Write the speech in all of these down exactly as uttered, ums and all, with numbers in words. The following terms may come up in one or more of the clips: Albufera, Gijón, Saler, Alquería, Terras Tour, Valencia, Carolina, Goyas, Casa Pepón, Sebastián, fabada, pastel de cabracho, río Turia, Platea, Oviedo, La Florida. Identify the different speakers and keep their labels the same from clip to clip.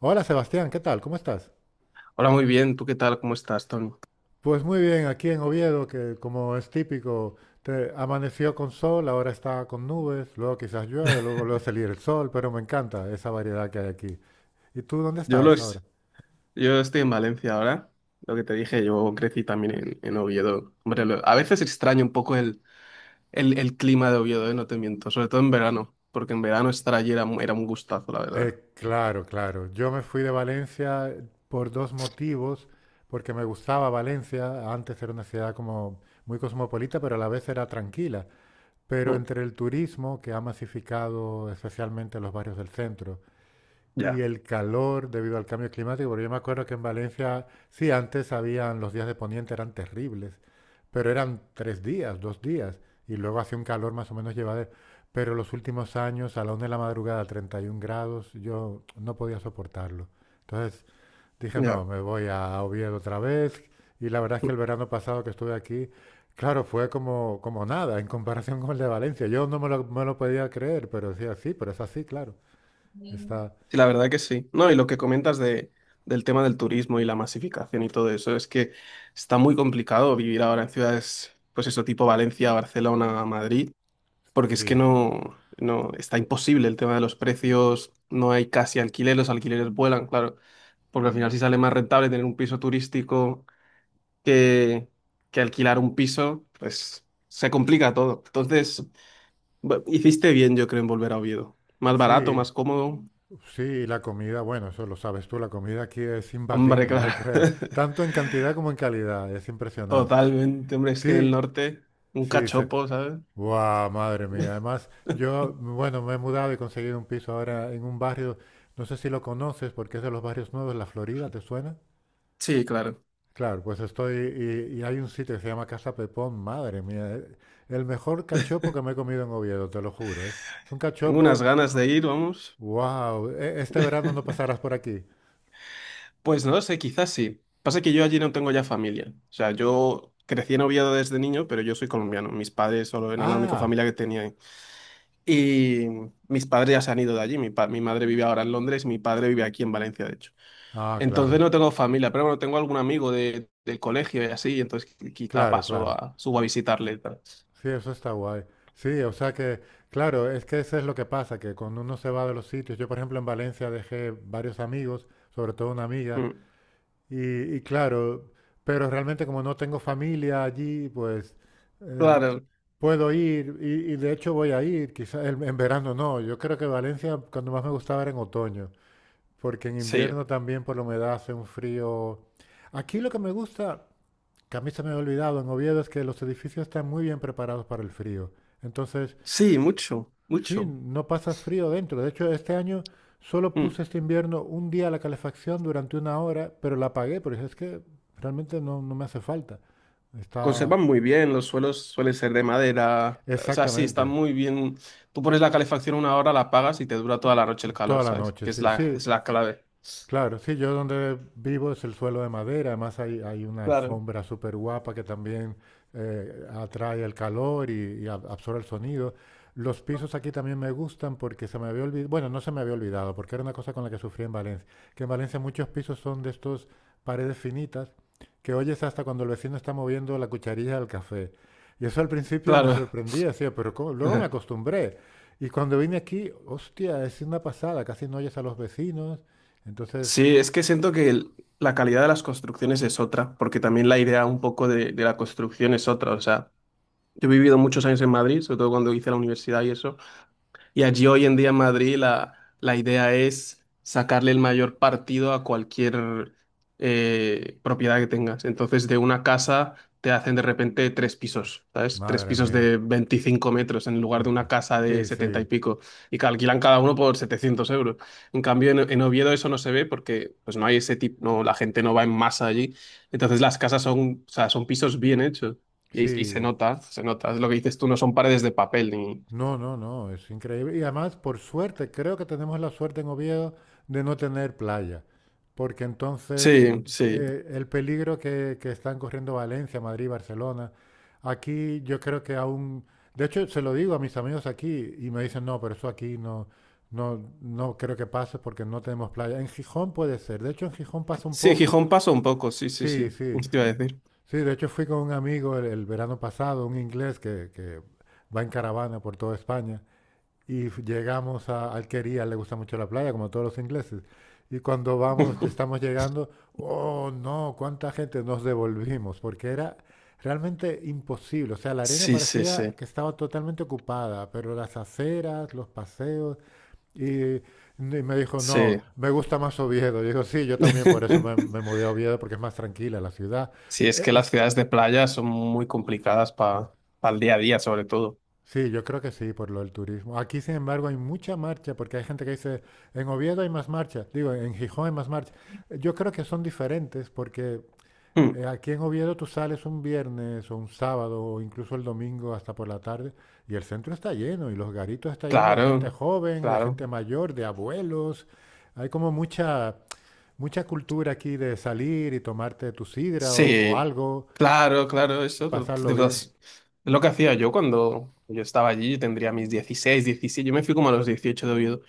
Speaker 1: Hola Sebastián, ¿qué tal? ¿Cómo estás?
Speaker 2: Hola, muy bien. ¿Tú qué tal? ¿Cómo estás, Tony?
Speaker 1: Pues muy bien, aquí en Oviedo, que como es típico, te- amaneció con sol, ahora está con nubes, luego quizás llueve, luego vuelve a salir el sol, pero me encanta esa variedad que hay aquí. ¿Y tú dónde
Speaker 2: Yo,
Speaker 1: estás ahora?
Speaker 2: los, yo estoy en Valencia ahora. Lo que te dije, yo crecí también en, en Oviedo. Hombre, lo- a veces extraño un poco el, el, el clima de Oviedo. eh, No te miento. Sobre todo en verano, porque en verano estar allí era, mu- era un gustazo, la verdad.
Speaker 1: Eh, claro, claro. Yo me fui de Valencia por dos motivos, porque me gustaba Valencia, antes era una ciudad como muy cosmopolita, pero a la vez era tranquila. Pero
Speaker 2: Mm.
Speaker 1: entre el turismo, que ha masificado especialmente los barrios del centro, y
Speaker 2: Ya,
Speaker 1: el calor debido al cambio climático, porque yo me acuerdo que en Valencia, sí, antes habían los días de poniente, eran terribles, pero eran tres días, dos días, y luego hacía un calor más o menos llevadero. Pero los últimos años, a la una de la madrugada, treinta y un grados, yo no podía soportarlo. Entonces dije,
Speaker 2: ya.
Speaker 1: no, me voy a Oviedo otra vez. Y la verdad es
Speaker 2: Mm.
Speaker 1: que el verano pasado que estuve aquí, claro, fue como, como nada en comparación con el de Valencia. Yo no me lo, me lo podía creer, pero decía, sí, pero es así, claro. Está,
Speaker 2: Sí, la verdad que sí. No, y lo que comentas de, del tema del turismo y la masificación y todo eso, es que está muy complicado vivir ahora en ciudades, pues eso, tipo Valencia, Barcelona, Madrid. Porque es que
Speaker 1: sí.
Speaker 2: no, no, está imposible el tema de los precios, no hay casi alquiler, los alquileres vuelan, claro, porque al final si sale más rentable tener un piso turístico que, que alquilar un piso, pues se complica todo. Entonces, bu- hiciste bien, yo creo, en volver a Oviedo. Más barato,
Speaker 1: Sí,
Speaker 2: más cómodo.
Speaker 1: sí, la comida, bueno, eso lo sabes tú, la comida aquí es
Speaker 2: Hombre,
Speaker 1: imbatible, yo
Speaker 2: claro.
Speaker 1: creo, tanto en cantidad como en calidad, es impresionante.
Speaker 2: Totalmente, hombre, es que en el
Speaker 1: Sí,
Speaker 2: norte, un
Speaker 1: sí, se...
Speaker 2: cachopo, ¿sabes?
Speaker 1: ¡Guau, madre mía! Además, yo, bueno, me he mudado y he conseguido un piso ahora en un barrio, no sé si lo conoces, porque es de los barrios nuevos, La Florida, ¿te suena?
Speaker 2: Sí, claro.
Speaker 1: Claro, pues estoy, y, y hay un sitio que se llama Casa Pepón, madre mía, eh, el mejor cachopo que me he comido en Oviedo, te lo juro, es, es un
Speaker 2: Tengo unas
Speaker 1: cachopo,
Speaker 2: ganas de ir, vamos.
Speaker 1: wow, este verano no pasarás por aquí.
Speaker 2: Pues no lo sé, quizás sí. Pasa que yo allí no tengo ya familia. O sea, yo crecí en Oviedo desde niño, pero yo soy colombiano. Mis padres solo eran la única
Speaker 1: Ah,
Speaker 2: familia que tenía ahí. Y mis padres ya se han ido de allí. Mi, pa- mi madre vive ahora en Londres y mi padre vive aquí en Valencia, de hecho.
Speaker 1: ah,
Speaker 2: Entonces
Speaker 1: claro,
Speaker 2: no tengo familia, pero bueno, tengo algún amigo de- del colegio y así, entonces qui- quizá
Speaker 1: claro,
Speaker 2: paso
Speaker 1: claro.
Speaker 2: a, subo a visitarle y tal.
Speaker 1: Sí, eso está guay. Sí, o sea que, claro, es que eso es lo que pasa, que cuando uno se va de los sitios, yo por ejemplo en Valencia dejé varios amigos, sobre todo una amiga,
Speaker 2: Mm.
Speaker 1: y, y claro, pero realmente como no tengo familia allí, pues eh,
Speaker 2: Claro,
Speaker 1: puedo ir y, y de hecho voy a ir, quizás en, en verano no, yo creo que Valencia cuando más me gustaba era en otoño, porque en
Speaker 2: sí.
Speaker 1: invierno también por la humedad hace un frío. Aquí lo que me gusta... que a mí se me había olvidado en Oviedo es que los edificios están muy bien preparados para el frío. Entonces,
Speaker 2: Sí, mucho,
Speaker 1: sí,
Speaker 2: mucho.
Speaker 1: no pasas frío dentro. De hecho, este año solo
Speaker 2: Mm.
Speaker 1: puse este invierno un día la calefacción durante una hora, pero la apagué porque es que realmente no, no me hace falta. Está
Speaker 2: Conservan muy bien, los suelos suelen ser de madera, o sea, sí, están
Speaker 1: exactamente
Speaker 2: muy bien. Tú pones la calefacción una hora, la apagas y te dura toda la noche el
Speaker 1: toda
Speaker 2: calor,
Speaker 1: la
Speaker 2: ¿sabes?
Speaker 1: noche,
Speaker 2: Que es
Speaker 1: sí,
Speaker 2: la,
Speaker 1: sí.
Speaker 2: es la clave.
Speaker 1: Claro, sí, yo donde vivo es el suelo de madera, además hay, hay una
Speaker 2: Claro.
Speaker 1: alfombra súper guapa que también eh, atrae el calor y, y ab- absorbe el sonido. Los pisos aquí también me gustan porque se me había olvidado, bueno, no se me había olvidado, porque era una cosa con la que sufrí en Valencia, que en Valencia muchos pisos son de estos paredes finitas que oyes hasta cuando el vecino está moviendo la cucharilla del café. Y eso al principio me
Speaker 2: Claro.
Speaker 1: sorprendía, decía, pero ¿cómo? Luego me acostumbré. Y cuando vine aquí, hostia, es una pasada, casi no oyes a los vecinos. Entonces,
Speaker 2: Sí, es que siento que el- la calidad de las construcciones es otra, porque también la idea un poco de, de la construcción es otra. O sea, yo he vivido muchos años en Madrid, sobre todo cuando hice la universidad y eso. Y allí hoy en día en Madrid la, la idea es sacarle el mayor partido a cualquier eh, propiedad que tengas. Entonces de una casa te hacen de repente tres pisos, ¿sabes? Tres
Speaker 1: madre
Speaker 2: pisos
Speaker 1: mía,
Speaker 2: de veinticinco metros en lugar de una casa de
Speaker 1: sí,
Speaker 2: setenta y
Speaker 1: sí,
Speaker 2: pico. Y que alquilan cada uno por setecientos euros. En cambio en, en Oviedo eso no se ve porque pues no hay ese tipo, no, la gente no va en masa allí. Entonces las casas son, o sea, son pisos bien hechos. Y, y se
Speaker 1: sí.
Speaker 2: nota, se nota. Es lo que dices tú, no son paredes de papel ni...
Speaker 1: No, no, no, es increíble. Y además, por suerte, creo que tenemos la suerte en Oviedo de no tener playa, porque entonces
Speaker 2: Sí, sí.
Speaker 1: eh, el peligro que, que están corriendo Valencia, Madrid, Barcelona, aquí yo creo que aún... De hecho, se lo digo a mis amigos aquí y me dicen, no, pero eso aquí no, no, no creo que pase porque no tenemos playa. En Gijón puede ser. De hecho, en Gijón pasa un
Speaker 2: Sí, en
Speaker 1: poco.
Speaker 2: Gijón pasa un poco, sí, sí,
Speaker 1: Sí,
Speaker 2: sí.
Speaker 1: sí.
Speaker 2: Eso te iba a decir.
Speaker 1: Sí, de hecho fui con un amigo el, el verano pasado, un inglés que, que va en caravana por toda España, y f- llegamos a Alquería, le gusta mucho la playa, como todos los ingleses. Y cuando vamos, ya estamos llegando, oh no, cuánta gente nos devolvimos, porque era realmente imposible. O sea, la arena
Speaker 2: Sí, sí, sí,
Speaker 1: parecía que estaba totalmente ocupada, pero las aceras, los paseos, y, y me dijo, no,
Speaker 2: sí.
Speaker 1: me gusta más Oviedo. Digo, sí, yo también por eso me, me mudé a Oviedo, porque es más tranquila la ciudad.
Speaker 2: Sí, es que
Speaker 1: E-
Speaker 2: las ciudades de playa son muy complicadas para el día a día, sobre todo.
Speaker 1: Sí, yo creo que sí, por lo del turismo. Aquí, sin embargo, hay mucha marcha, porque hay gente que dice, en Oviedo hay más marcha, digo, en Gijón hay más marcha. Yo creo que son diferentes, porque
Speaker 2: Mm.
Speaker 1: eh, aquí en Oviedo tú sales un viernes o un sábado o incluso el domingo hasta por la tarde y el centro está lleno y los garitos está lleno de gente
Speaker 2: Claro,
Speaker 1: joven, de gente
Speaker 2: claro.
Speaker 1: mayor, de abuelos. Hay como mucha, mucha cultura aquí de salir y tomarte tu sidra o o
Speaker 2: Sí,
Speaker 1: algo
Speaker 2: claro, claro,
Speaker 1: y
Speaker 2: eso. Lo-
Speaker 1: pasarlo
Speaker 2: de verdad,
Speaker 1: bien.
Speaker 2: sí. Es lo que hacía yo cuando yo estaba allí, yo tendría mis dieciséis, diecisiete. Yo me fui como a los dieciocho de Oviedo.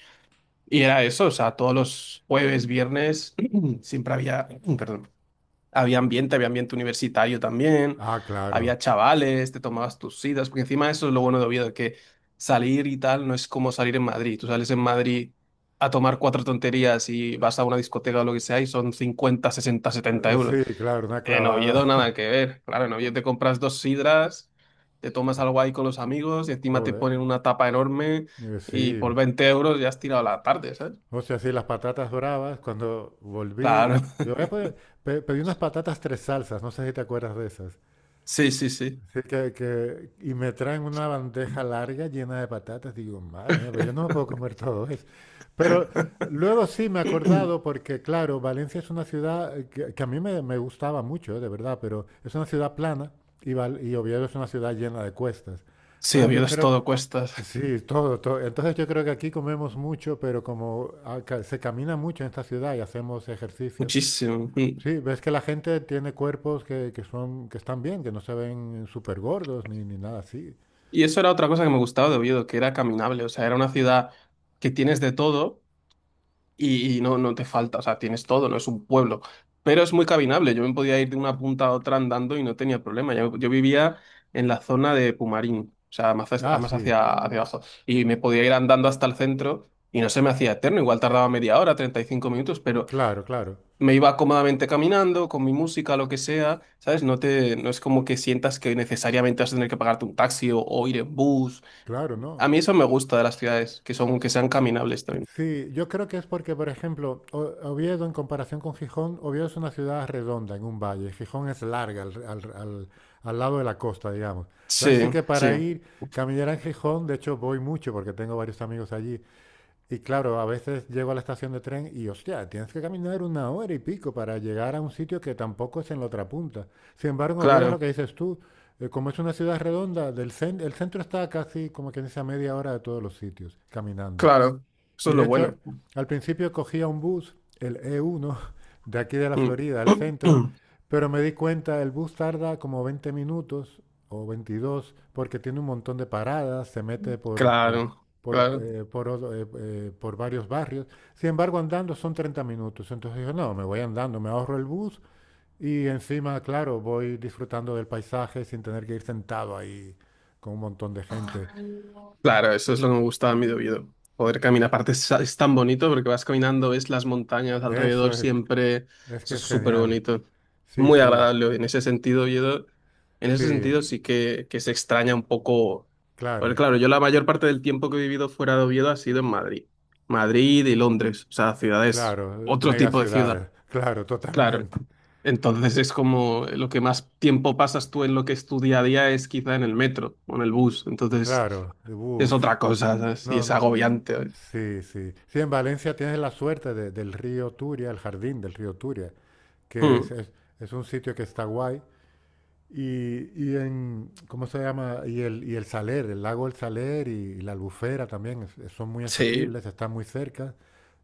Speaker 2: Y era eso, o sea, todos los jueves, viernes, siempre había, perdón, había ambiente, había ambiente universitario también,
Speaker 1: Ah, claro.
Speaker 2: había chavales, te tomabas tus citas, porque encima eso es lo bueno de Oviedo, que salir y tal no es como salir en Madrid. Tú sales en Madrid a tomar cuatro tonterías y vas a una discoteca o lo que sea y son cincuenta sesenta setenta
Speaker 1: Eh,
Speaker 2: euros.
Speaker 1: Sí, claro, una
Speaker 2: En Oviedo
Speaker 1: clavada.
Speaker 2: nada que ver. Claro, en Oviedo te compras dos sidras, te tomas algo ahí con los amigos y encima te
Speaker 1: Joder,
Speaker 2: ponen una tapa enorme
Speaker 1: eh,
Speaker 2: y
Speaker 1: sí.
Speaker 2: por veinte euros ya has tirado la tarde, ¿sabes?
Speaker 1: O sea, sí, las patatas bravas, cuando volví,
Speaker 2: Claro.
Speaker 1: yo eh, pe- pe- pedí unas patatas tres salsas, no sé si te acuerdas de esas.
Speaker 2: Sí, sí, sí.
Speaker 1: Sí, que, que, y me traen una bandeja larga llena de patatas, digo, madre mía, pero yo no me puedo comer todo eso. Pero luego sí me he acordado, porque claro, Valencia es una ciudad eh, que, que a mí me, me gustaba mucho, eh, de verdad, pero es una ciudad plana y, Val- y Oviedo es una ciudad llena de cuestas.
Speaker 2: Sí,
Speaker 1: Entonces yo
Speaker 2: Oviedo es
Speaker 1: creo,
Speaker 2: todo cuestas,
Speaker 1: sí, todo, todo. Entonces yo creo que aquí comemos mucho, pero como acá se camina mucho en esta ciudad y hacemos ejercicio,
Speaker 2: muchísimo. Y,
Speaker 1: sí, ves que la gente tiene cuerpos que, que son, que están bien, que no se ven súper gordos ni, ni nada así.
Speaker 2: y eso era otra cosa que me gustaba de Oviedo, que era caminable, o sea, era una ciudad que tienes de todo y, y no, no te falta, o sea, tienes todo, no es un pueblo, pero es muy caminable, yo me podía ir de una punta a otra andando y no tenía problema, yo, yo vivía en la zona de Pumarín, o sea, más, hacia-
Speaker 1: Ah,
Speaker 2: más
Speaker 1: sí,
Speaker 2: hacia, hacia abajo, y me podía ir andando hasta el centro y no se me hacía eterno, igual tardaba media hora, treinta y cinco minutos, pero
Speaker 1: claro, claro,
Speaker 2: me iba cómodamente caminando con mi música, lo que sea, ¿sabes? No te, no es como que sientas que necesariamente vas a tener que pagarte un taxi o, o ir en bus.
Speaker 1: claro,
Speaker 2: A
Speaker 1: ¿no?
Speaker 2: mí eso me gusta de las ciudades, que son, que sean caminables también.
Speaker 1: Sí, yo creo que es porque, por ejemplo, O- Oviedo en comparación con Gijón, Oviedo es una ciudad redonda en un valle, Gijón es larga al, al- al- al lado de la costa, digamos. Entonces
Speaker 2: Sí,
Speaker 1: sí que
Speaker 2: sí,
Speaker 1: para ir, caminar en Gijón, de hecho voy mucho porque tengo varios amigos allí, y claro, a veces llego a la estación de tren y, hostia, tienes que caminar una hora y pico para llegar a un sitio que tampoco es en la otra punta. Sin embargo, en Oviedo es lo
Speaker 2: claro,
Speaker 1: que dices tú, eh, como es una ciudad redonda, del cen- el centro está casi como que dice a media hora de todos los sitios, caminando.
Speaker 2: claro.
Speaker 1: Y
Speaker 2: Eso es
Speaker 1: de
Speaker 2: lo
Speaker 1: hecho,
Speaker 2: bueno.
Speaker 1: al principio cogía un bus, el E uno, de aquí de la
Speaker 2: Mm.
Speaker 1: Florida, al centro, pero me di cuenta, el bus tarda como veinte minutos o veintidós porque tiene un montón de paradas, se mete por, por,
Speaker 2: Claro,
Speaker 1: por,
Speaker 2: claro.
Speaker 1: eh, por otro- eh, eh, por varios barrios. Sin embargo, andando son treinta minutos. Entonces yo, no, me voy andando, me ahorro el bus y encima, claro, voy disfrutando del paisaje sin tener que ir sentado ahí con un montón de gente.
Speaker 2: Claro, eso es lo que me gustaba a mí de Oviedo. Poder caminar, aparte es, es tan bonito porque vas caminando, ves las montañas
Speaker 1: Eso
Speaker 2: alrededor
Speaker 1: es,
Speaker 2: siempre,
Speaker 1: es que
Speaker 2: eso es
Speaker 1: es
Speaker 2: súper
Speaker 1: genial.
Speaker 2: bonito. Es
Speaker 1: Sí,
Speaker 2: muy
Speaker 1: sí.
Speaker 2: agradable en ese sentido, Oviedo. En ese
Speaker 1: Sí,
Speaker 2: sentido sí que, que se extraña un poco. Porque
Speaker 1: claro,
Speaker 2: claro, yo la mayor parte del tiempo que he vivido fuera de Oviedo ha sido en Madrid. Madrid y Londres, o sea, ciudades,
Speaker 1: claro,
Speaker 2: otro
Speaker 1: mega
Speaker 2: tipo de ciudad.
Speaker 1: ciudades, claro,
Speaker 2: Claro.
Speaker 1: totalmente,
Speaker 2: Entonces es como lo que más tiempo pasas tú en lo que es tu día a día es quizá en el metro o en el bus. Entonces
Speaker 1: claro,
Speaker 2: es
Speaker 1: uff,
Speaker 2: otra cosa, ¿sabes? Y
Speaker 1: no,
Speaker 2: es
Speaker 1: no,
Speaker 2: agobiante. ¿Sabes?
Speaker 1: sí, sí. Sí, en Valencia tienes la suerte de- del río Turia, el jardín del río Turia, que
Speaker 2: Mm,
Speaker 1: es, es- es un sitio que está guay, y, y en, ¿cómo se llama? Y el, y el Saler, el lago del Saler y, la Albufera también es- son muy
Speaker 2: sí.
Speaker 1: asequibles, están muy cerca,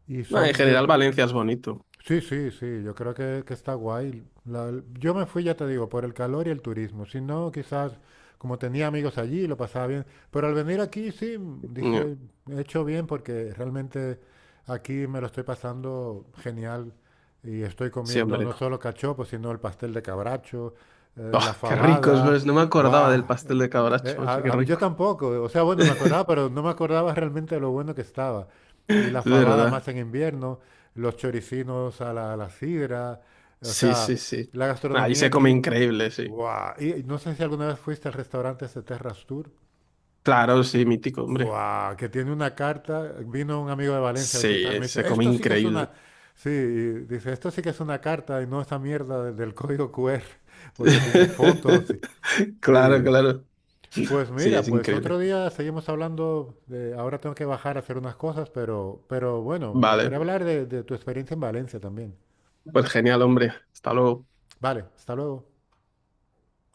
Speaker 1: y
Speaker 2: No, en
Speaker 1: son yo,
Speaker 2: general Valencia es bonito.
Speaker 1: sí, sí, sí, yo creo que, que está guay. La- yo me fui, ya te digo, por el calor y el turismo. Si no, quizás como tenía amigos allí, lo pasaba bien. Pero al venir aquí, sí, m-
Speaker 2: Mm.
Speaker 1: dije, he hecho bien porque realmente aquí me lo estoy pasando genial y estoy
Speaker 2: Sí,
Speaker 1: comiendo
Speaker 2: hombre.
Speaker 1: no solo cachopos, sino el pastel de cabracho, eh,
Speaker 2: Oh,
Speaker 1: la
Speaker 2: qué rico, es
Speaker 1: fabada.
Speaker 2: verdad. No me acordaba
Speaker 1: ¡Guau!
Speaker 2: del
Speaker 1: Eh,
Speaker 2: pastel de
Speaker 1: eh,
Speaker 2: cabracho, macho, qué
Speaker 1: a- a- yo
Speaker 2: rico.
Speaker 1: tampoco, o sea, bueno, me acordaba, pero no me acordaba realmente de lo bueno que estaba. Y la
Speaker 2: Es
Speaker 1: fabada
Speaker 2: verdad.
Speaker 1: más en invierno los choricinos a la, a la sidra, o
Speaker 2: Sí,
Speaker 1: sea,
Speaker 2: sí, sí.
Speaker 1: la
Speaker 2: Ahí
Speaker 1: gastronomía
Speaker 2: se come
Speaker 1: aquí,
Speaker 2: increíble, sí.
Speaker 1: ¡guau! Y no sé si alguna vez fuiste al restaurante ese Terras Tour,
Speaker 2: Claro, sí, mítico, hombre.
Speaker 1: ¡guau! Que tiene una carta, vino un amigo de Valencia a
Speaker 2: Sí,
Speaker 1: visitarme y
Speaker 2: se
Speaker 1: dice,
Speaker 2: come
Speaker 1: esto sí que es
Speaker 2: increíble.
Speaker 1: una, sí, y dice, esto sí que es una carta y no esa mierda de- del código Q R, porque tiene fotos, y-
Speaker 2: Claro,
Speaker 1: sí.
Speaker 2: claro.
Speaker 1: Pues
Speaker 2: Sí,
Speaker 1: mira,
Speaker 2: es
Speaker 1: pues otro
Speaker 2: increíble.
Speaker 1: día seguimos hablando de, ahora tengo que bajar a hacer unas cosas, pero, pero bueno, me gustaría
Speaker 2: Vale.
Speaker 1: hablar de de tu experiencia en Valencia también.
Speaker 2: Pues genial, hombre. Hasta luego.
Speaker 1: Vale, hasta luego.